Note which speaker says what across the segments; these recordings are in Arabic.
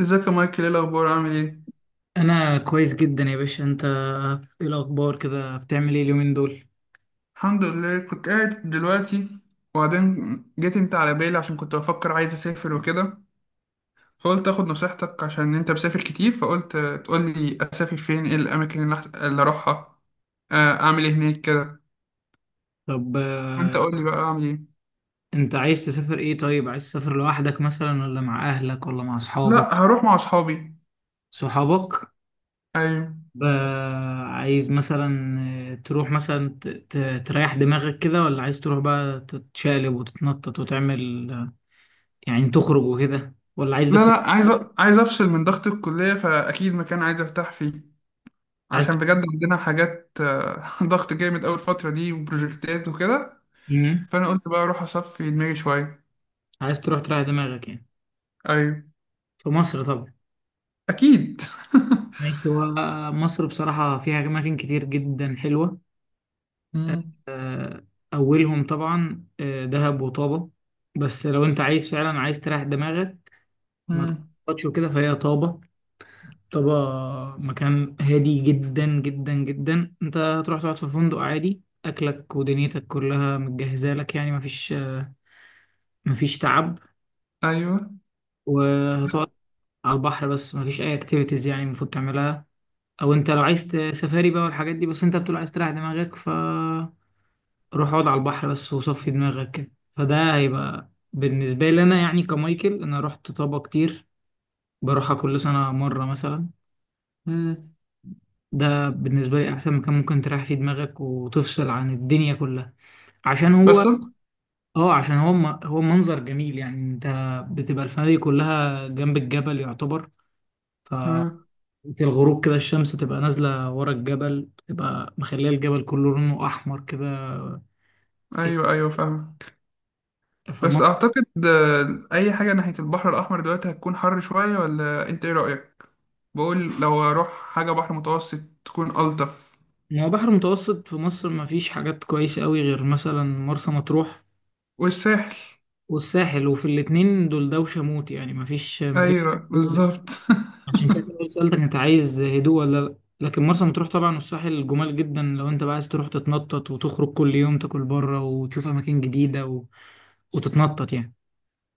Speaker 1: ازيك يا مايكل؟ ايه الاخبار؟ عامل ايه؟
Speaker 2: انا كويس جدا يا باشا. انت ايه الاخبار كده، بتعمل ايه اليومين دول؟
Speaker 1: الحمد لله، كنت قاعد دلوقتي وبعدين جيت انت على بالي عشان كنت بفكر عايز اسافر وكده. فقلت اخد نصيحتك عشان انت مسافر كتير، فقلت تقول لي اسافر فين، ايه الاماكن اللي اللي اروحها. آه، اعمل ايه هناك كده.
Speaker 2: طب،
Speaker 1: وانت قول لي بقى اعمل ايه.
Speaker 2: انت عايز تسافر ايه؟ طيب، عايز تسافر لوحدك مثلا، ولا مع اهلك ولا مع اصحابك؟
Speaker 1: لا، هروح مع اصحابي.
Speaker 2: صحابك.
Speaker 1: ايوه.
Speaker 2: ب- عايز مثلا تروح مثلا تريح دماغك كده، ولا عايز تروح بقى تتشقلب وتتنطط وتعمل يعني تخرج وكده، ولا عايز
Speaker 1: لا
Speaker 2: بس؟
Speaker 1: لا، عايز عايز افصل من ضغط الكليه، فاكيد مكان عايز ارتاح فيه.
Speaker 2: عايز
Speaker 1: عشان بجد عندنا حاجات ضغط جامد أوي الفترة دي وبروجكتات وكده.
Speaker 2: مم.
Speaker 1: فانا قلت بقى اروح اصفي دماغي شويه.
Speaker 2: عايز تروح تريح دماغك يعني؟
Speaker 1: ايوه
Speaker 2: في مصر طبعا.
Speaker 1: اكيد.
Speaker 2: ماشي. هو مصر بصراحة فيها أماكن كتير جدا حلوة.
Speaker 1: مم.
Speaker 2: آه، أولهم طبعا دهب وطابة. بس لو أنت عايز فعلا عايز تريح دماغك، ما
Speaker 1: مم.
Speaker 2: تخططش وكده، فهي طابة. طابة مكان هادي جدا جدا جدا. أنت هتروح تقعد في فندق عادي، أكلك ودنيتك كلها متجهزة لك، يعني مفيش تعب.
Speaker 1: ايوه.
Speaker 2: وهتقعد على البحر بس، مفيش أي أكتيفيتيز يعني المفروض تعملها. أو أنت لو عايز سفاري بقى والحاجات دي، بس أنت بتقول عايز تريح دماغك، ف روح اقعد على البحر بس وصفي دماغك كده. فده هيبقى بالنسبة لي أنا يعني كمايكل، أنا رحت طابة كتير، بروحها كل سنة مرة مثلا.
Speaker 1: مم.
Speaker 2: ده بالنسبة لي أحسن مكان ممكن تريح فيه دماغك وتفصل عن الدنيا كلها، عشان
Speaker 1: بس.
Speaker 2: هو اه عشان هو هو منظر جميل. يعني انت بتبقى الفنادق كلها جنب الجبل يعتبر، ف
Speaker 1: آه.
Speaker 2: الغروب كده الشمس تبقى نازلة ورا الجبل، تبقى مخلية الجبل كله لونه أحمر كده.
Speaker 1: ايوه ايوه فاهمك. بس اعتقد اي حاجه ناحيه البحر الاحمر دلوقتي هتكون حر شويه، ولا انت ايه رايك؟ بقول لو اروح حاجه بحر متوسط تكون الطف.
Speaker 2: ما هو بحر متوسط في مصر ما فيش حاجات كويسة قوي غير مثلا مرسى مطروح
Speaker 1: والساحل.
Speaker 2: والساحل، وفي الاتنين دول دوشة موت، يعني ما فيش.
Speaker 1: ايوه بالظبط.
Speaker 2: عشان كده سألتك انت عايز هدوء ولا لا، لكن مرسى مطروح طبعا والساحل جمال جدا، لو انت بقى عايز تروح تتنطط وتخرج كل يوم تاكل بره وتشوف اماكن جديدة وتتنطط يعني.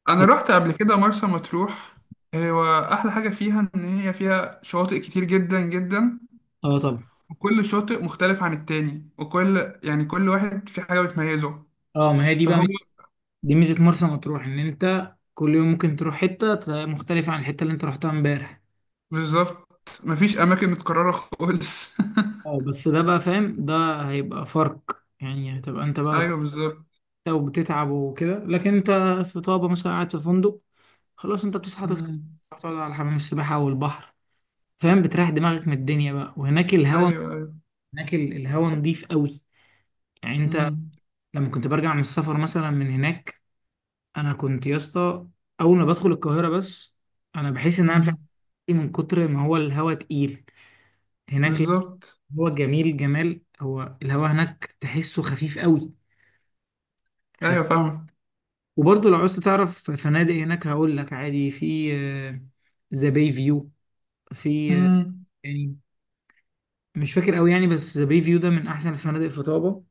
Speaker 1: انا
Speaker 2: لا.
Speaker 1: رحت قبل كده مرسى مطروح. هو احلى حاجه فيها ان هي فيها شواطئ كتير جدا جدا.
Speaker 2: اه طبعا.
Speaker 1: وكل شاطئ مختلف عن التاني، وكل يعني كل واحد في حاجة بتميزه.
Speaker 2: اه، ما هي دي بقى
Speaker 1: فهو.
Speaker 2: دي ميزة مرسى مطروح، ان انت كل يوم ممكن تروح حتة مختلفة عن الحتة اللي انت رحتها امبارح.
Speaker 1: بالظبط. مفيش أماكن متكررة خالص.
Speaker 2: اه، بس ده بقى فاهم، ده هيبقى فرق. يعني هتبقى انت بقى
Speaker 1: أيوه
Speaker 2: كنت
Speaker 1: بالظبط.
Speaker 2: وبتتعب وكده، لكن انت في طابة مثلا قاعد في فندق، خلاص انت بتصحى تفطر،
Speaker 1: مم.
Speaker 2: تروح تقعد على حمام السباحة والبحر، فاهم، بتريح دماغك من الدنيا بقى. وهناك
Speaker 1: أيوه
Speaker 2: الهوا،
Speaker 1: أيوه.
Speaker 2: هناك الهوا نضيف قوي. يعني انت
Speaker 1: مم.
Speaker 2: لما كنت برجع من السفر مثلا من هناك، انا كنت يا اسطى اول ما بدخل القاهرة بس، انا بحس ان انا مش عارف
Speaker 1: مم.
Speaker 2: ايه، من كتر ما هو الهوا تقيل. هناك لا،
Speaker 1: بالظبط.
Speaker 2: هو جميل جمال، هو الهوا هناك تحسه خفيف قوي.
Speaker 1: أيوه فاهمك.
Speaker 2: وبرضه لو عوزت تعرف فنادق هناك هقول لك، عادي في ذا باي فيو، في
Speaker 1: مم.
Speaker 2: يعني مش فاكر قوي يعني، بس ذا باي فيو ده من احسن الفنادق في طابة.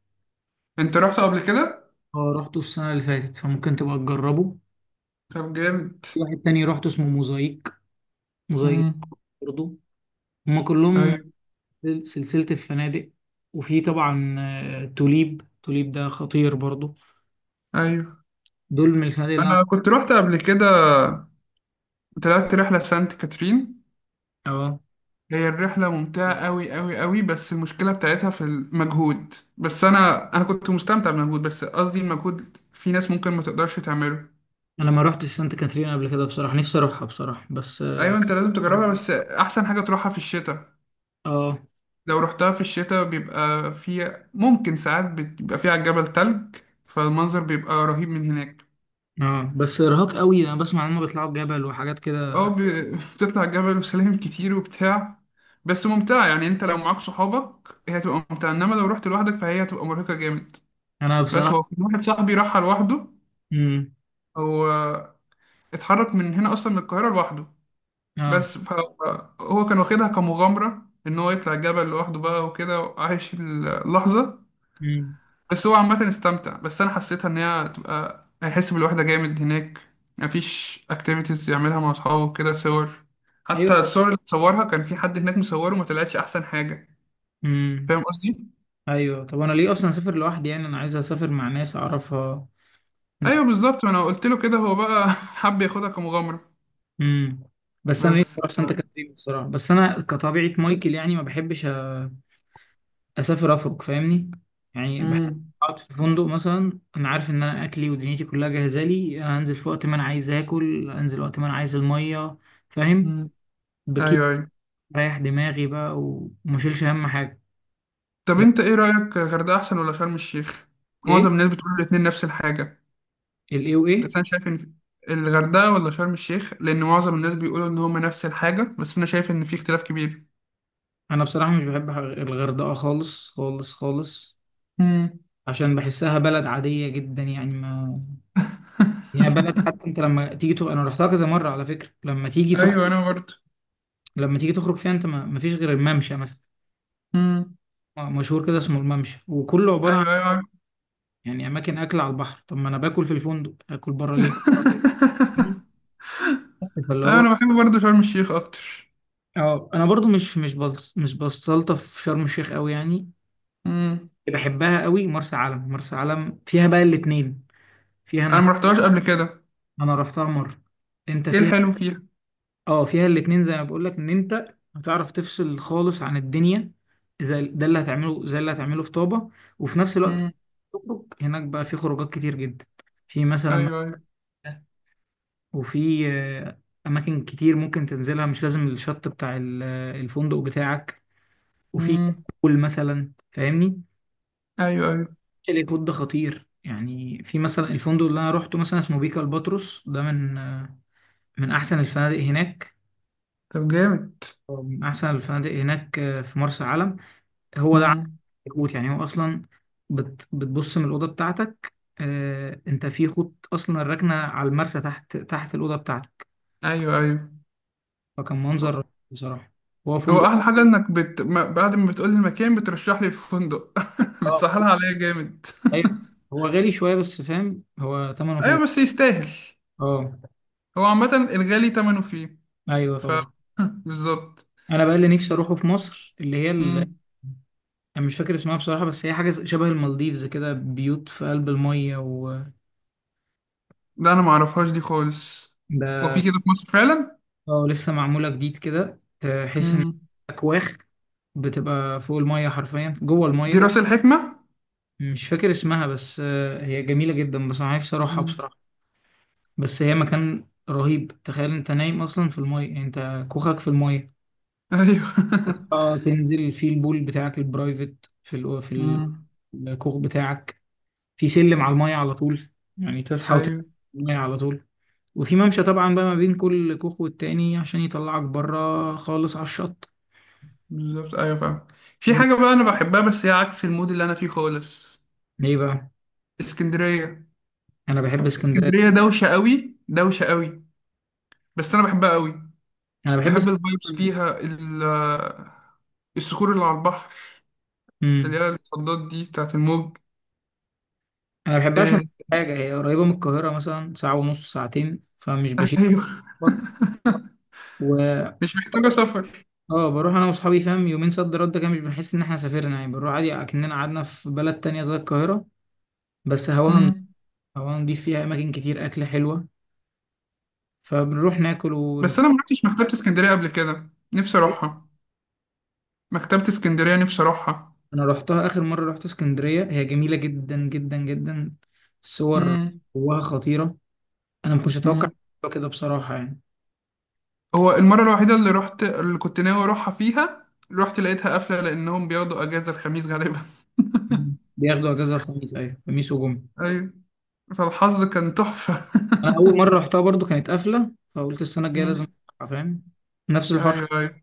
Speaker 1: أنت رحت قبل كده؟
Speaker 2: اه رحته السنة اللي فاتت، فممكن تبقى تجربه.
Speaker 1: طب جامد.
Speaker 2: في واحد تاني رحته اسمه موزايك. موزايك
Speaker 1: مم.
Speaker 2: برضه. هما كلهم
Speaker 1: أيوه
Speaker 2: سلسلة الفنادق. وفي طبعا توليب، توليب ده خطير برضه.
Speaker 1: أيوه.
Speaker 2: دول من الفنادق اللي انا.
Speaker 1: أنا كنت رحت قبل كده، طلعت رحلة سانت كاترين.
Speaker 2: اه،
Speaker 1: هي الرحلة ممتعة أوي أوي أوي، بس المشكلة بتاعتها في المجهود، بس أنا كنت مستمتع بالمجهود، بس قصدي المجهود في ناس ممكن ما تقدرش تعمله.
Speaker 2: انا ما رحتش سانتا كاترين قبل كده بصراحة، نفسي اروحها بصراحة، بس اه.
Speaker 1: أيوة، أنت لازم تجربها، بس أحسن حاجة تروحها في الشتاء.
Speaker 2: آه.
Speaker 1: لو رحتها في الشتاء بيبقى في ممكن ساعات بيبقى فيه على الجبل تلج، فالمنظر بيبقى رهيب من هناك.
Speaker 2: اه، بس ارهاق قوي، انا بسمع ان هم بيطلعوا الجبل وحاجات كده.
Speaker 1: أو بتطلع الجبل وسلالم كتير وبتاع. بس ممتعة يعني، أنت لو معاك صحابك هي هتبقى ممتعة، إنما لو رحت لوحدك فهي هتبقى مرهقة جامد.
Speaker 2: انا
Speaker 1: بس
Speaker 2: بصراحه.
Speaker 1: هو كان واحد صاحبي راحها لوحده.
Speaker 2: امم.
Speaker 1: هو اتحرك من هنا اصلا من القاهره لوحده.
Speaker 2: اه.
Speaker 1: بس فهو كان واخدها كمغامره ان هو يطلع الجبل لوحده بقى وكده وعايش اللحظه.
Speaker 2: امم.
Speaker 1: بس هو عامه استمتع، بس انا حسيتها ان هي تبقى هيحس بالوحده جامد هناك. مفيش اكتيفيتيز يعملها مع اصحابه كده، صور. حتى
Speaker 2: ايوه.
Speaker 1: الصور اللي صورها كان في حد هناك مصوره وما طلعتش احسن حاجه.
Speaker 2: امم.
Speaker 1: فاهم قصدي.
Speaker 2: ايوه، طب انا ليه اصلا اسافر لوحدي؟ يعني انا عايز اسافر مع ناس اعرفها. نت...
Speaker 1: ايوه بالظبط، انا قلت له كده، هو بقى حب ياخدها كمغامره.
Speaker 2: امم. بس انا ليه
Speaker 1: بس.
Speaker 2: بصراحه، عشان تكلم بصراحه، بس انا كطبيعه مايكل يعني ما بحبش اسافر افرق، فاهمني؟ يعني بحب
Speaker 1: امم.
Speaker 2: اقعد في فندق مثلا، انا عارف ان انا اكلي ودنيتي كلها جاهزه لي أنا، هنزل في وقت ما انا عايز اكل، انزل وقت ما انا عايز الميه، فاهم، بكيف
Speaker 1: ايوه ايوه.
Speaker 2: ريح دماغي بقى وما اشيلش اهم حاجه.
Speaker 1: طب
Speaker 2: لا.
Speaker 1: انت ايه رأيك، الغردقة احسن ولا شرم الشيخ؟ معظم
Speaker 2: ايه؟
Speaker 1: الناس بتقول الاتنين نفس الحاجة.
Speaker 2: الايه
Speaker 1: بس
Speaker 2: وايه؟
Speaker 1: انا شايف ان الغردقة ولا شرم الشيخ؟ لان معظم الناس بيقولوا ان هما نفس الحاجة، بس انا شايف ان في اختلاف كبير.
Speaker 2: انا بصراحه مش بحب الغردقه خالص خالص خالص،
Speaker 1: مم.
Speaker 2: عشان بحسها بلد عاديه جدا. يعني ما يعني هي بلد، حتى انت لما تيجي انا رحتها كذا مره على فكره، لما تيجي
Speaker 1: ايوه انا برضه.
Speaker 2: لما تيجي تخرج فيها انت ما فيش غير الممشى مثلا،
Speaker 1: مم.
Speaker 2: مشهور كده اسمه الممشى، وكله عباره عن
Speaker 1: ايوه ايوه عارف.
Speaker 2: يعني اماكن اكل على البحر، طب ما انا باكل في الفندق، اكل بره ليه؟ بس فاللي
Speaker 1: ايوه
Speaker 2: هو
Speaker 1: انا بحب برضه شرم الشيخ اكتر.
Speaker 2: اه. انا برضو مش مش مش بستلطف في شرم الشيخ قوي يعني،
Speaker 1: مم.
Speaker 2: بحبها قوي مرسى علم. مرسى علم فيها بقى الاتنين، فيها
Speaker 1: انا ما
Speaker 2: انك.
Speaker 1: رحتهاش قبل كده.
Speaker 2: انا رحتها مرة. انت
Speaker 1: ايه
Speaker 2: فيها،
Speaker 1: الحلو فيها؟
Speaker 2: اه فيها الاتنين زي ما بقول لك، ان انت هتعرف تفصل خالص عن الدنيا زي ده اللي هتعمله، زي اللي هتعمله في طابة. وفي نفس الوقت
Speaker 1: مم.
Speaker 2: تخرج هناك بقى، في خروجات كتير جدا، في مثلا
Speaker 1: ايوه ايوه.
Speaker 2: وفي اماكن كتير ممكن تنزلها، مش لازم الشط بتاع الفندق بتاعك. وفي كاس
Speaker 1: مم.
Speaker 2: مثلا، فاهمني،
Speaker 1: ايوه ايوه.
Speaker 2: شاليه كود ده خطير. يعني في مثلا الفندق اللي انا روحته مثلا اسمه بيكا الباتروس، ده من من احسن الفنادق هناك.
Speaker 1: طب جامد.
Speaker 2: أو من احسن الفنادق هناك في مرسى علم. هو ده
Speaker 1: مم.
Speaker 2: كوت يعني، هو اصلا بتبص من الاوضه بتاعتك، آه انت في خط اصلا راكنه على المرسى، تحت تحت الاوضه بتاعتك،
Speaker 1: ايوه ايوه.
Speaker 2: فكان منظر رهيب بصراحه. هو
Speaker 1: هو
Speaker 2: فندق.
Speaker 1: احلى حاجه انك بت... ما- بعد ما بتقولي المكان بترشح لي الفندق
Speaker 2: اه.
Speaker 1: بتسهلها عليا جامد.
Speaker 2: ايوه، هو غالي شويه بس فاهم، هو ثمنه فيه.
Speaker 1: ايوه بس يستاهل.
Speaker 2: اه.
Speaker 1: هو عامه الغالي تمنه فيه.
Speaker 2: ايوه
Speaker 1: ف
Speaker 2: طبعا.
Speaker 1: بالظبط.
Speaker 2: انا بقى اللي نفسي اروحه في مصر اللي هي الساحل.
Speaker 1: مم.
Speaker 2: انا مش فاكر اسمها بصراحة، بس هي حاجة شبه المالديفز كده، بيوت في قلب المية و
Speaker 1: ده انا ما اعرفهاش دي خالص. هو
Speaker 2: ده
Speaker 1: في كده في مصر فعلا؟
Speaker 2: اه لسه معمولة جديد كده، تحس ان
Speaker 1: مم.
Speaker 2: اكواخ بتبقى فوق المية، حرفيا جوه
Speaker 1: دي راس
Speaker 2: المية.
Speaker 1: الحكمه.
Speaker 2: مش فاكر اسمها بس هي جميلة جدا، بس انا نفسي اروحها
Speaker 1: مم.
Speaker 2: بصراحة. بس هي مكان رهيب، تخيل انت نايم اصلا في المية، يعني انت كوخك في المية،
Speaker 1: ايوه.
Speaker 2: تصحى تنزل في البول بتاعك البرايفت في
Speaker 1: مم.
Speaker 2: الكوخ بتاعك، في سلم على المية على طول، يعني تصحى وتنزل
Speaker 1: ايوه
Speaker 2: المية على طول. وفي ممشى طبعا بقى ما بين كل كوخ والتاني، عشان يطلعك بره خالص على الشط.
Speaker 1: بالظبط ايوه فاهم. في حاجه بقى انا بحبها، بس هي عكس المود اللي انا فيه خالص.
Speaker 2: ليه بقى؟
Speaker 1: اسكندريه.
Speaker 2: انا بحب اسكندريه.
Speaker 1: اسكندريه دوشه قوي دوشه قوي. بس انا بحبها قوي.
Speaker 2: انا بحب
Speaker 1: نحب الفايبس
Speaker 2: اسكندريه.
Speaker 1: فيها الصخور اللي على البحر، اللي
Speaker 2: امم.
Speaker 1: هي الصدات دي بتاعت الموج.
Speaker 2: انا بحبها عشان
Speaker 1: إيه.
Speaker 2: حاجه، هي قريبه من القاهره، مثلا ساعه ونص، ساعتين، فمش بشيل
Speaker 1: ايوه.
Speaker 2: سفر. و
Speaker 1: مش محتاجة سفر.
Speaker 2: اه بروح انا واصحابي، فاهم، يومين صد رد كده، مش بنحس ان احنا سافرنا، يعني بنروح عادي اكننا قعدنا في بلد تانية زي القاهره. بس
Speaker 1: مم.
Speaker 2: هواها نضيف، فيها اماكن كتير اكل حلوه، فبنروح ناكل
Speaker 1: بس
Speaker 2: ونتفق.
Speaker 1: انا ما رحتش مكتبة اسكندرية قبل كده، نفسي اروحها. مكتبة اسكندرية نفسي اروحها.
Speaker 2: انا رحتها اخر مره رحت اسكندريه، هي جميله جدا جدا جدا. الصور
Speaker 1: مم.
Speaker 2: جواها خطيره، انا ما كنتش اتوقع
Speaker 1: مم.
Speaker 2: كده بصراحه يعني.
Speaker 1: هو المرة الوحيدة اللي رحت اللي كنت ناوي اروحها فيها رحت لقيتها قافلة، لانهم بياخدوا اجازة الخميس غالبا.
Speaker 2: مم. بياخدوا اجازه الخميس ايوه، خميس وجمعه.
Speaker 1: ايوه. فالحظ كان تحفة.
Speaker 2: انا اول مره رحتها برضو كانت قافله، فقلت السنه الجايه لازم
Speaker 1: مم.
Speaker 2: أروحها، فاهم، نفس الحوار.
Speaker 1: ايوه ايوه.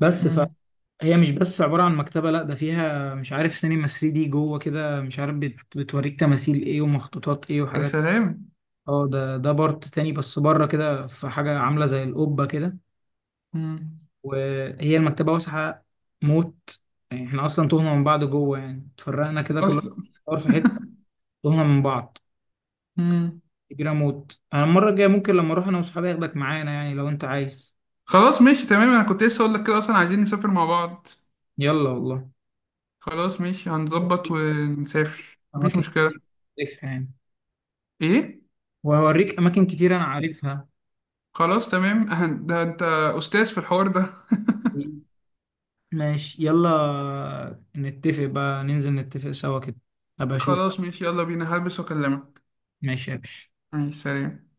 Speaker 2: بس
Speaker 1: مم.
Speaker 2: فهي مش بس عباره عن مكتبه، لا، ده فيها مش عارف سينما 3 دي جوه كده، مش عارف بتوريك تماثيل ايه ومخطوطات ايه
Speaker 1: يا
Speaker 2: وحاجات.
Speaker 1: سلام.
Speaker 2: اه، ده ده بارت تاني، بس بره كده في حاجه عامله زي القبه كده.
Speaker 1: مم.
Speaker 2: وهي المكتبة واسعة موت، يعني احنا أصلا تهنا من بعض جوه، يعني اتفرقنا كده كلنا
Speaker 1: أصل.
Speaker 2: في حتة، تهنا من بعض،
Speaker 1: مم.
Speaker 2: كبيرة موت. أنا المرة الجاية ممكن لما أروح أنا وأصحابي أخدك معانا، يعني لو أنت عايز.
Speaker 1: خلاص ماشي تمام، انا كنت لسه اقول لك كده اصلا، عايزين نسافر مع بعض.
Speaker 2: يلا والله.
Speaker 1: خلاص ماشي، هنظبط ونسافر، مفيش
Speaker 2: أماكن
Speaker 1: مشكلة.
Speaker 2: كتير عارفها يعني،
Speaker 1: ايه.
Speaker 2: وهوريك أماكن كتير أنا عارفها.
Speaker 1: خلاص تمام. ده انت استاذ في الحوار ده.
Speaker 2: ماشي، يلا نتفق بقى، ننزل نتفق سوا كده، أبقى أشوف.
Speaker 1: خلاص ماشي، يلا بينا، هلبس واكلمك.
Speaker 2: ماشي يا باشا.
Speaker 1: ماشي، سلام.